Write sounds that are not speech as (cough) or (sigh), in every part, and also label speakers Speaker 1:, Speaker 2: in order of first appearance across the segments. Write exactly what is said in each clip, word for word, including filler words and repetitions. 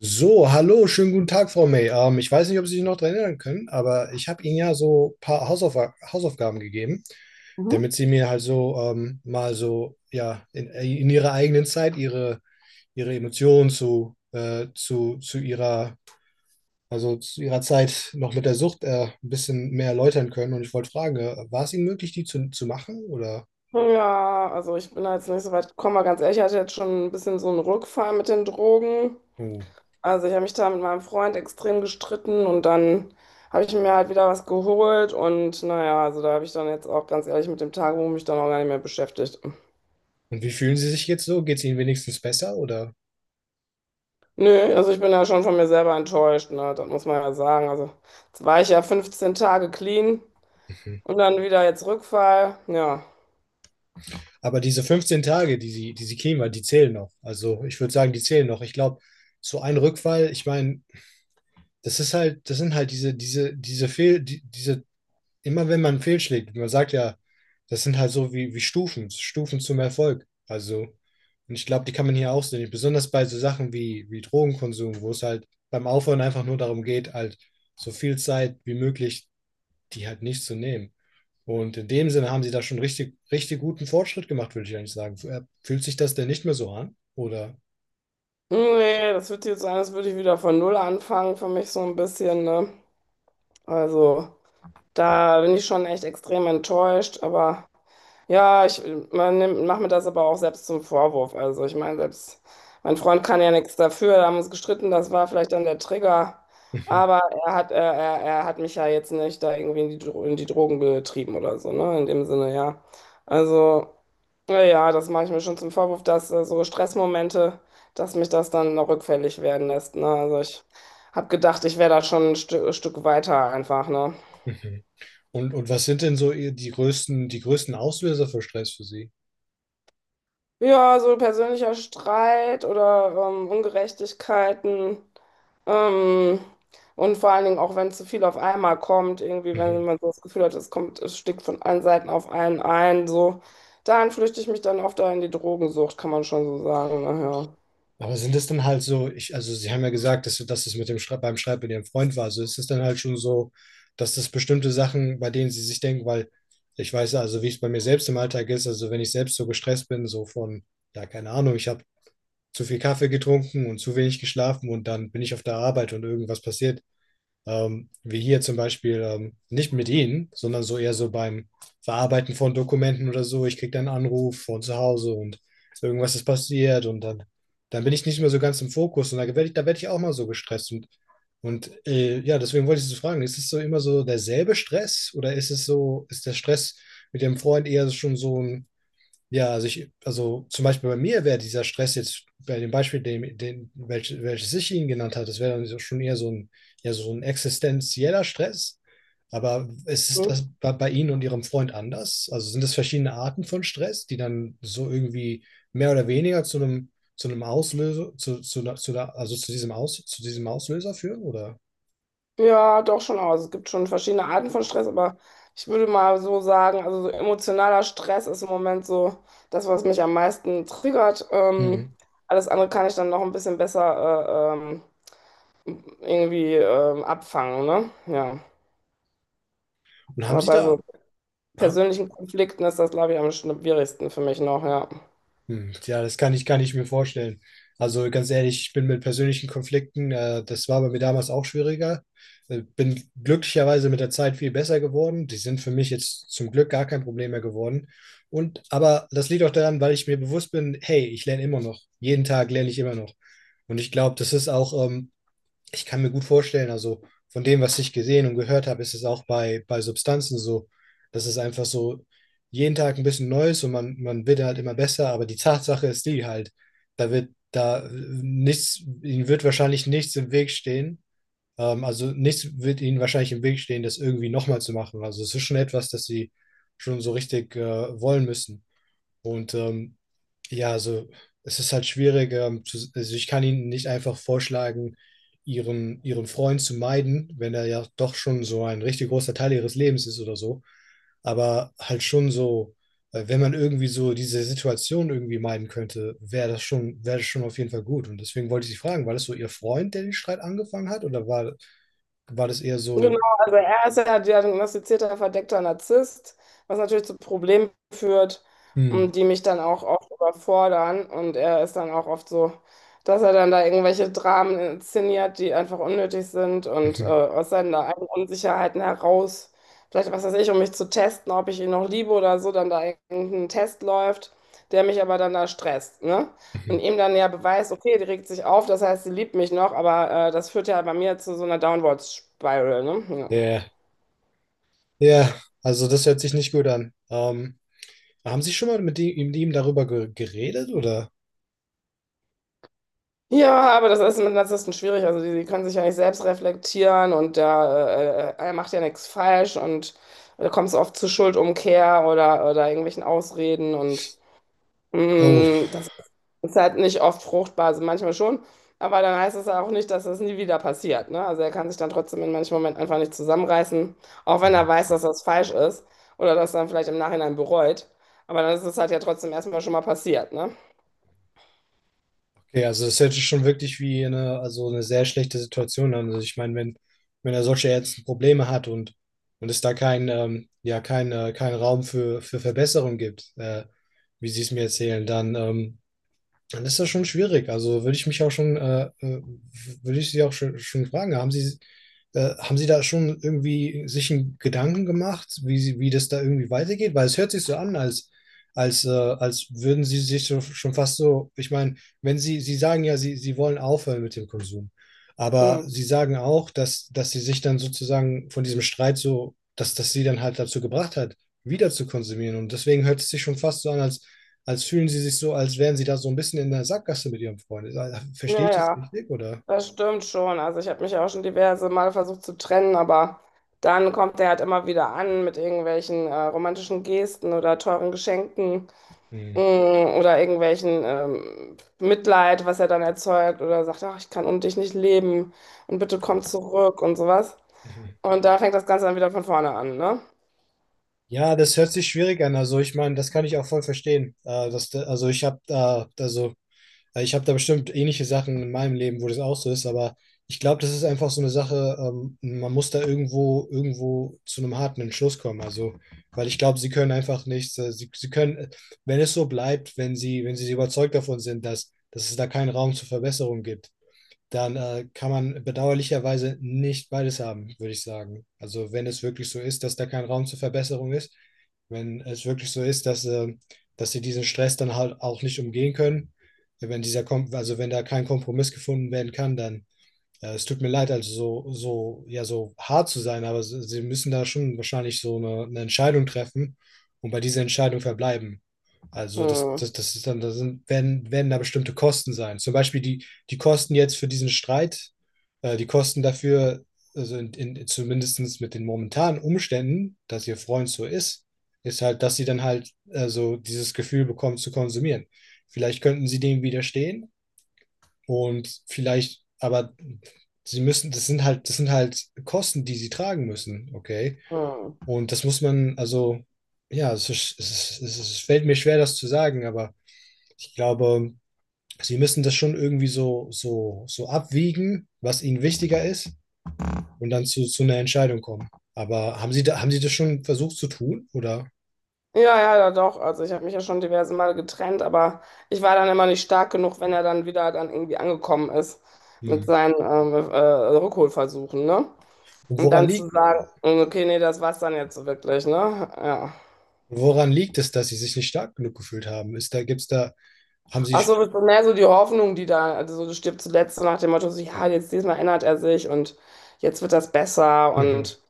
Speaker 1: So, hallo, schönen guten Tag, Frau May. Ähm, ich weiß nicht, ob Sie sich noch daran erinnern können, aber ich habe Ihnen ja so ein paar Hausauf Hausaufgaben gegeben,
Speaker 2: Mhm.
Speaker 1: damit Sie mir halt so ähm, mal so, ja, in, in Ihrer eigenen Zeit Ihre, Ihre Emotionen zu, äh, zu, zu Ihrer, also zu Ihrer Zeit noch mit der Sucht äh, ein bisschen mehr erläutern können. Und ich wollte fragen, äh, war es Ihnen möglich, die zu, zu machen? Oder,
Speaker 2: Ja, also ich bin da jetzt nicht so weit gekommen, aber ganz ehrlich, ich hatte jetzt schon ein bisschen so einen Rückfall mit den Drogen.
Speaker 1: oh.
Speaker 2: Also ich habe mich da mit meinem Freund extrem gestritten und dann habe ich mir halt wieder was geholt und naja, also da habe ich dann jetzt auch ganz ehrlich mit dem Tagebuch mich dann auch gar nicht mehr beschäftigt.
Speaker 1: Und wie fühlen Sie sich jetzt so? Geht es Ihnen wenigstens besser? Oder?
Speaker 2: Nö, also ich bin ja schon von mir selber enttäuscht, ne? Das muss man ja sagen. Also jetzt war ich ja fünfzehn Tage clean
Speaker 1: Mhm.
Speaker 2: und dann wieder jetzt Rückfall. Ja.
Speaker 1: Aber diese fünfzehn Tage, die sie, die sie kriegen, weil die zählen noch. Also ich würde sagen, die zählen noch. Ich glaube, so ein Rückfall, ich meine, das ist halt, das sind halt diese, diese, diese Fehl, die, diese, immer wenn man fehlschlägt, man sagt ja, das sind halt so wie, wie Stufen, Stufen zum Erfolg. Also, und ich glaube, die kann man hier auch sehen. Besonders bei so Sachen wie, wie Drogenkonsum, wo es halt beim Aufhören einfach nur darum geht, halt so viel Zeit wie möglich die halt nicht zu nehmen. Und in dem Sinne haben sie da schon richtig, richtig guten Fortschritt gemacht, würde ich eigentlich sagen. Äh, Fühlt sich das denn nicht mehr so an? Oder?
Speaker 2: Nee, das wird jetzt sein, als würde ich wieder von Null anfangen für mich so ein bisschen, ne? Also, da bin ich schon echt extrem enttäuscht, aber ja, ich man nimmt- mach mir das aber auch selbst zum Vorwurf. Also ich meine, selbst mein Freund kann ja nichts dafür, da haben wir uns gestritten, das war vielleicht dann der Trigger, aber
Speaker 1: (laughs)
Speaker 2: er hat, er, er, er hat mich ja jetzt nicht da irgendwie in die, Dro- in die Drogen getrieben oder so, ne? In dem Sinne, ja. Also, naja, das mache ich mir schon zum Vorwurf, dass äh, so Stressmomente, dass mich das dann noch rückfällig werden lässt, ne? Also ich habe gedacht, ich wäre da schon ein Stück, Stück weiter einfach, ne?
Speaker 1: Mhm, mhm. Und, und was sind denn so ihr- die größten, die größten Auslöser für Stress für Sie? (laughs)
Speaker 2: Ja, so persönlicher Streit oder ähm, Ungerechtigkeiten. Ähm, und vor allen Dingen auch, wenn zu viel auf einmal kommt, irgendwie, wenn
Speaker 1: Mhm.
Speaker 2: man so das Gefühl hat, es kommt, es stickt von allen Seiten auf einen ein, so. Dann flüchte ich mich dann oft da in die Drogensucht, kann man schon so sagen. Naja.
Speaker 1: Aber sind es dann halt so, ich, also Sie haben ja gesagt, dass, dass es mit dem Schrei- beim Schreiben mit Ihrem Freund war. Also ist es dann halt schon so, dass das bestimmte Sachen, bei denen Sie sich denken, weil ich weiß ja, also wie es bei mir selbst im Alltag ist, also wenn ich selbst so gestresst bin, so von, ja, keine Ahnung, ich habe zu viel Kaffee getrunken und zu wenig geschlafen und dann bin ich auf der Arbeit und irgendwas passiert. Ähm, wie hier zum Beispiel, ähm, nicht mit Ihnen, sondern so eher so beim Verarbeiten von Dokumenten oder so. Ich kriege dann einen Anruf von zu Hause und irgendwas ist passiert und dann, dann bin ich nicht mehr so ganz im Fokus und da werde ich, da werd ich auch mal so gestresst. Und, und äh, ja, deswegen wollte ich Sie fragen, ist es so immer so derselbe Stress oder ist es so, ist der Stress mit dem Freund eher schon so ein ja, also ich, also zum Beispiel bei mir wäre dieser Stress jetzt bei dem Beispiel, den, den, welch, welches ich Ihnen genannt habe, das wäre dann so- schon eher so ein, ja, so ein existenzieller Stress. Aber ist es
Speaker 2: Hm?
Speaker 1: das bei, bei Ihnen und Ihrem Freund anders? Also sind das verschiedene Arten von Stress, die dann so irgendwie mehr oder weniger zu einem, zu einem Auslöser, zu, zu, einer- zu, einer- also zu diesem Aus, zu diesem Auslöser führen, oder?
Speaker 2: Ja, doch schon aus. Es gibt schon verschiedene Arten von Stress, aber ich würde mal so sagen, also so emotionaler Stress ist im Moment so das, was mich am meisten triggert. Ähm,
Speaker 1: Hm.
Speaker 2: alles andere kann ich dann noch ein bisschen besser äh, ähm, irgendwie ähm, abfangen, ne? Ja.
Speaker 1: Und haben
Speaker 2: Aber
Speaker 1: Sie
Speaker 2: bei so
Speaker 1: da,
Speaker 2: persönlichen Konflikten ist das, glaube ich, am schwierigsten für mich noch, ja.
Speaker 1: Hm, ja, das kann ich, kann ich mir vorstellen. Also ganz ehrlich, ich bin mit persönlichen Konflikten, äh, das war bei mir damals auch schwieriger. Äh, bin glücklicherweise mit der Zeit viel besser geworden. Die sind für mich jetzt zum Glück gar kein Problem mehr geworden. Und aber das liegt auch daran, weil ich mir bewusst bin, hey, ich lerne immer noch. Jeden Tag lerne ich immer noch. Und ich glaube, das ist auch ähm, ich kann mir gut vorstellen, also von dem, was ich gesehen und gehört habe, ist es auch bei, bei Substanzen so, dass es einfach so jeden Tag ein bisschen Neues und man, man wird halt immer besser, aber die Tatsache ist die halt, da wird da äh, nichts, ihnen wird wahrscheinlich nichts im Weg stehen. Ähm, also nichts wird ihnen wahrscheinlich im Weg stehen, das irgendwie nochmal zu machen. Also es ist schon etwas, das sie schon so richtig äh, wollen müssen. Und ähm, ja, also es ist halt schwierig. Ähm, zu, also ich kann Ihnen nicht einfach vorschlagen, ihren, ihren Freund zu meiden, wenn er ja doch schon so ein richtig großer Teil ihres Lebens ist oder so. Aber halt schon so, äh, wenn man irgendwie so diese Situation irgendwie meiden könnte, wäre das schon, wäre das schon auf jeden Fall gut. Und deswegen wollte ich Sie fragen, war das so Ihr Freund, der den Streit angefangen hat, oder war, war das eher
Speaker 2: Genau,
Speaker 1: so,
Speaker 2: also er ist ja diagnostizierter verdeckter Narzisst, was natürlich zu Problemen führt,
Speaker 1: hm,
Speaker 2: und die mich dann auch oft überfordern. Und er ist dann auch oft so, dass er dann da irgendwelche Dramen inszeniert, die einfach unnötig sind und äh,
Speaker 1: mhm,
Speaker 2: aus seinen eigenen Unsicherheiten heraus, vielleicht was weiß ich, um mich zu testen, ob ich ihn noch liebe oder so, dann da irgendein Test läuft, der mich aber dann da stresst, ne? Und
Speaker 1: mhm.
Speaker 2: ihm dann ja beweist, okay, die regt sich auf, das heißt, sie liebt mich noch, aber äh, das führt ja bei mir zu so einer Downward Spiral, ne? Ja.
Speaker 1: Ja, ja, also das hört sich nicht gut an. Ähm, Haben Sie schon mal mit ihm, mit ihm darüber ge geredet oder?
Speaker 2: Ja, aber das ist mit Narzissten schwierig. Also die, die können sich ja nicht selbst reflektieren und der, äh, äh, er macht ja nichts falsch und da kommt es oft zu Schuldumkehr oder, oder irgendwelchen Ausreden und
Speaker 1: Oh,
Speaker 2: mh, das ist halt nicht oft fruchtbar, also manchmal schon, aber dann heißt es ja auch nicht, dass das nie wieder passiert, ne? Also er kann sich dann trotzdem in manchen Momenten einfach nicht zusammenreißen, auch wenn
Speaker 1: mhm.
Speaker 2: er weiß, dass das falsch ist oder dass er dann vielleicht im Nachhinein bereut, aber dann ist es halt ja trotzdem erstmal schon mal passiert, ne?
Speaker 1: Okay, also das hört sich schon wirklich wie eine, also eine sehr schlechte Situation an. Also ich meine, wenn, wenn er solche ärztlichen Probleme hat und, und es da kein, ähm, ja, kein, äh, kein Raum für, für Verbesserung gibt, äh, wie Sie es mir erzählen, dann ähm, dann ist das schon schwierig. Also würde ich mich auch schon, äh, äh, würde ich Sie auch schon, schon fragen, haben Sie, äh, haben Sie da schon irgendwie sich einen Gedanken gemacht, wie, Sie, wie das da irgendwie weitergeht? Weil es hört sich so an, als, als, äh, als würden Sie sich so, schon fast so, ich meine, wenn Sie, Sie sagen ja, Sie, Sie wollen aufhören mit dem Konsum, aber
Speaker 2: Hm.
Speaker 1: Sie sagen auch, dass, dass Sie sich dann sozusagen von diesem Streit so, dass das Sie dann halt dazu gebracht hat, wieder zu konsumieren. Und deswegen hört es sich schon fast so an, als als fühlen sie sich so, als wären sie da so ein bisschen in der Sackgasse mit ihrem Freund. Ist- also, verstehe ich das
Speaker 2: Naja,
Speaker 1: richtig, oder?
Speaker 2: das stimmt schon. Also ich habe mich auch schon diverse Mal versucht zu trennen, aber dann kommt er halt immer wieder an mit irgendwelchen äh, romantischen Gesten oder teuren Geschenken.
Speaker 1: Hm.
Speaker 2: Mm. Oder irgendwelchen ähm, Mitleid, was er dann erzeugt, oder sagt, ach, ich kann ohne dich nicht leben und bitte komm zurück und sowas.
Speaker 1: Mhm.
Speaker 2: Und da fängt das Ganze dann wieder von vorne an, ne?
Speaker 1: Ja, das hört sich schwierig an. Also ich meine, das kann ich auch voll verstehen. Äh, dass, also ich habe da, also äh, ich habe da bestimmt ähnliche Sachen in meinem Leben, wo das auch so ist, aber ich glaube, das ist einfach so eine Sache, ähm, man muss da irgendwo, irgendwo zu einem harten Entschluss kommen. Also, weil ich glaube, sie können einfach nichts, äh, sie, sie können, äh, wenn es so bleibt, wenn sie, wenn sie so überzeugt davon sind, dass, dass es da keinen Raum zur Verbesserung gibt dann äh, kann man bedauerlicherweise nicht beides haben, würde ich sagen. Also wenn es wirklich so ist, dass da kein Raum zur Verbesserung ist, wenn es wirklich so ist, dass, äh, dass sie diesen Stress dann halt auch nicht umgehen können, wenn dieser Kom also wenn da kein Kompromiss gefunden werden kann, dann ja, es tut mir leid, also so, so, ja, so hart zu sein, aber s- sie müssen da schon wahrscheinlich so eine, eine Entscheidung treffen und bei dieser Entscheidung verbleiben. Also das,
Speaker 2: Hm.
Speaker 1: das, das ist dann, da sind, werden, werden da bestimmte Kosten sein. Zum Beispiel die, die Kosten jetzt für diesen Streit, äh, die Kosten dafür, also in, in, zumindest mit den momentanen Umständen, dass ihr Freund so ist, ist halt, dass sie dann halt also dieses Gefühl bekommt zu konsumieren. Vielleicht könnten sie dem widerstehen und vielleicht, aber sie müssen, das sind halt, das sind halt Kosten, die sie tragen müssen, okay?
Speaker 2: Hm.
Speaker 1: Und das muss man, also, ja, es, ist, es, ist, es ist, es fällt mir schwer, das zu sagen, aber ich glaube, sie müssen das schon irgendwie so, so, so abwiegen, was ihnen wichtiger ist, und dann zu, zu einer Entscheidung kommen. Aber haben sie, da, haben sie das schon versucht zu tun, oder?
Speaker 2: Ja, ja, ja, doch. Also ich habe mich ja schon diverse Male getrennt, aber ich war dann immer nicht stark genug, wenn er dann wieder dann irgendwie angekommen ist
Speaker 1: Hm.
Speaker 2: mit seinen ähm, äh, Rückholversuchen, ne?
Speaker 1: Und
Speaker 2: Und
Speaker 1: woran
Speaker 2: dann zu
Speaker 1: liegt,
Speaker 2: sagen, okay, nee, das war's dann jetzt so wirklich, ne? Ja.
Speaker 1: woran liegt es, dass sie sich nicht stark genug gefühlt haben? Ist da, gibt's da, haben
Speaker 2: Ach
Speaker 1: sie,
Speaker 2: so, das ist mehr so die Hoffnung, die da, also so, du stirbst zuletzt so nach dem Motto, so, ja, jetzt diesmal erinnert er sich und jetzt wird das besser
Speaker 1: mhm.
Speaker 2: und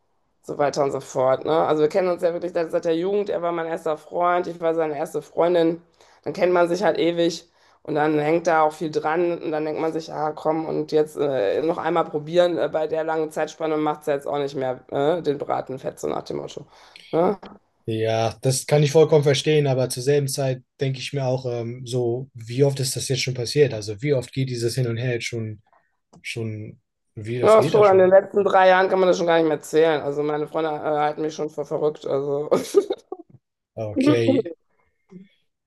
Speaker 2: so weiter und so fort, ne? Also wir kennen uns ja wirklich seit, seit der Jugend, er war mein erster Freund, ich war seine erste Freundin, dann kennt man sich halt ewig und dann hängt da auch viel dran und dann denkt man sich, ah komm, und jetzt äh, noch einmal probieren, äh, bei der langen Zeitspanne macht es jetzt auch nicht mehr, äh, den Braten fett, so nach dem Motto. Ne?
Speaker 1: Ja, das kann ich vollkommen verstehen, aber zur selben Zeit denke ich mir auch, ähm, so, wie oft ist das jetzt schon passiert? Also wie oft geht dieses Hin und Her jetzt schon, schon, wie oft
Speaker 2: Ja, ist
Speaker 1: geht das
Speaker 2: schon, in den
Speaker 1: schon?
Speaker 2: letzten drei Jahren kann man das schon gar nicht mehr zählen. Also meine Freunde, äh, halten mich schon für verrückt. Also.
Speaker 1: Okay.
Speaker 2: (laughs)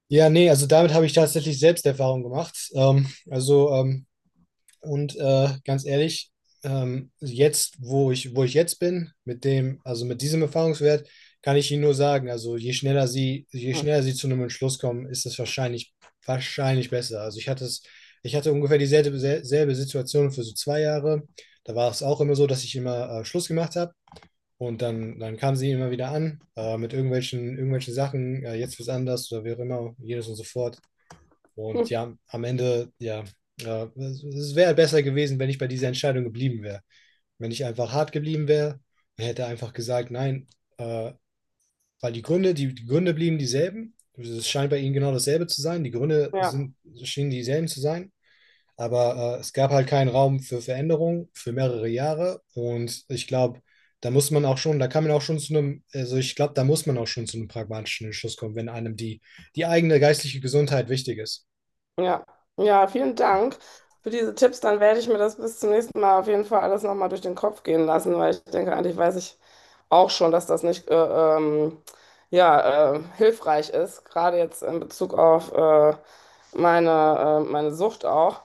Speaker 1: Ja, nee, also damit habe ich tatsächlich selbst Erfahrung gemacht. Ähm, also ähm, Und äh, ganz ehrlich, ähm, jetzt, wo ich, wo ich jetzt bin, mit dem, also mit diesem Erfahrungswert, kann ich Ihnen nur sagen, also je schneller Sie, je schneller Sie zu einem Entschluss kommen, ist es wahrscheinlich, wahrscheinlich besser. Also ich hatte es, ich hatte ungefähr dieselbe sel- selbe Situation für so zwei Jahre. Da war es auch immer so, dass ich immer äh, Schluss gemacht habe und dann, dann kam sie immer wieder an äh, mit irgendwelchen, irgendwelchen Sachen, äh, jetzt wird's anders oder wie auch immer, jedes und so fort. Und ja, am Ende, ja, ja es, es wäre besser gewesen, wenn ich bei dieser Entscheidung geblieben wäre. Wenn ich einfach hart geblieben wäre, hätte einfach gesagt, nein, äh, weil die Gründe, die, die Gründe blieben dieselben. Es scheint bei ihnen genau dasselbe zu sein. Die Gründe
Speaker 2: Ja,
Speaker 1: sind, schienen dieselben zu sein. Aber äh, es gab halt keinen Raum für Veränderung für mehrere Jahre. Und ich glaube, da muss man auch schon, da kann man auch schon zu einem, also ich glaube, da muss man auch schon zu einem pragmatischen Entschluss kommen, wenn einem die, die eigene geistliche Gesundheit wichtig ist.
Speaker 2: ja, ja, vielen Dank für diese Tipps. Dann werde ich mir das bis zum nächsten Mal auf jeden Fall alles nochmal durch den Kopf gehen lassen, weil ich denke, eigentlich weiß ich auch schon, dass das nicht äh, ähm, ja, äh, hilfreich ist, gerade jetzt in Bezug auf äh, meine, äh, meine Sucht auch.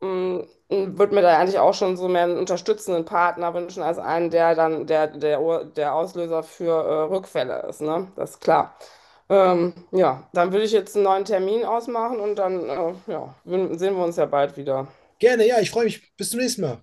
Speaker 2: Mm. Würde mir da eigentlich auch schon so mehr einen unterstützenden Partner wünschen, als einen, der dann der, der, Ur- der Auslöser für äh, Rückfälle ist, ne? Das ist klar. Ähm, ja, dann würde ich jetzt einen neuen Termin ausmachen und dann äh, ja, wün- sehen wir uns ja bald wieder.
Speaker 1: Gerne, ja, ich freue mich. Bis zum nächsten Mal.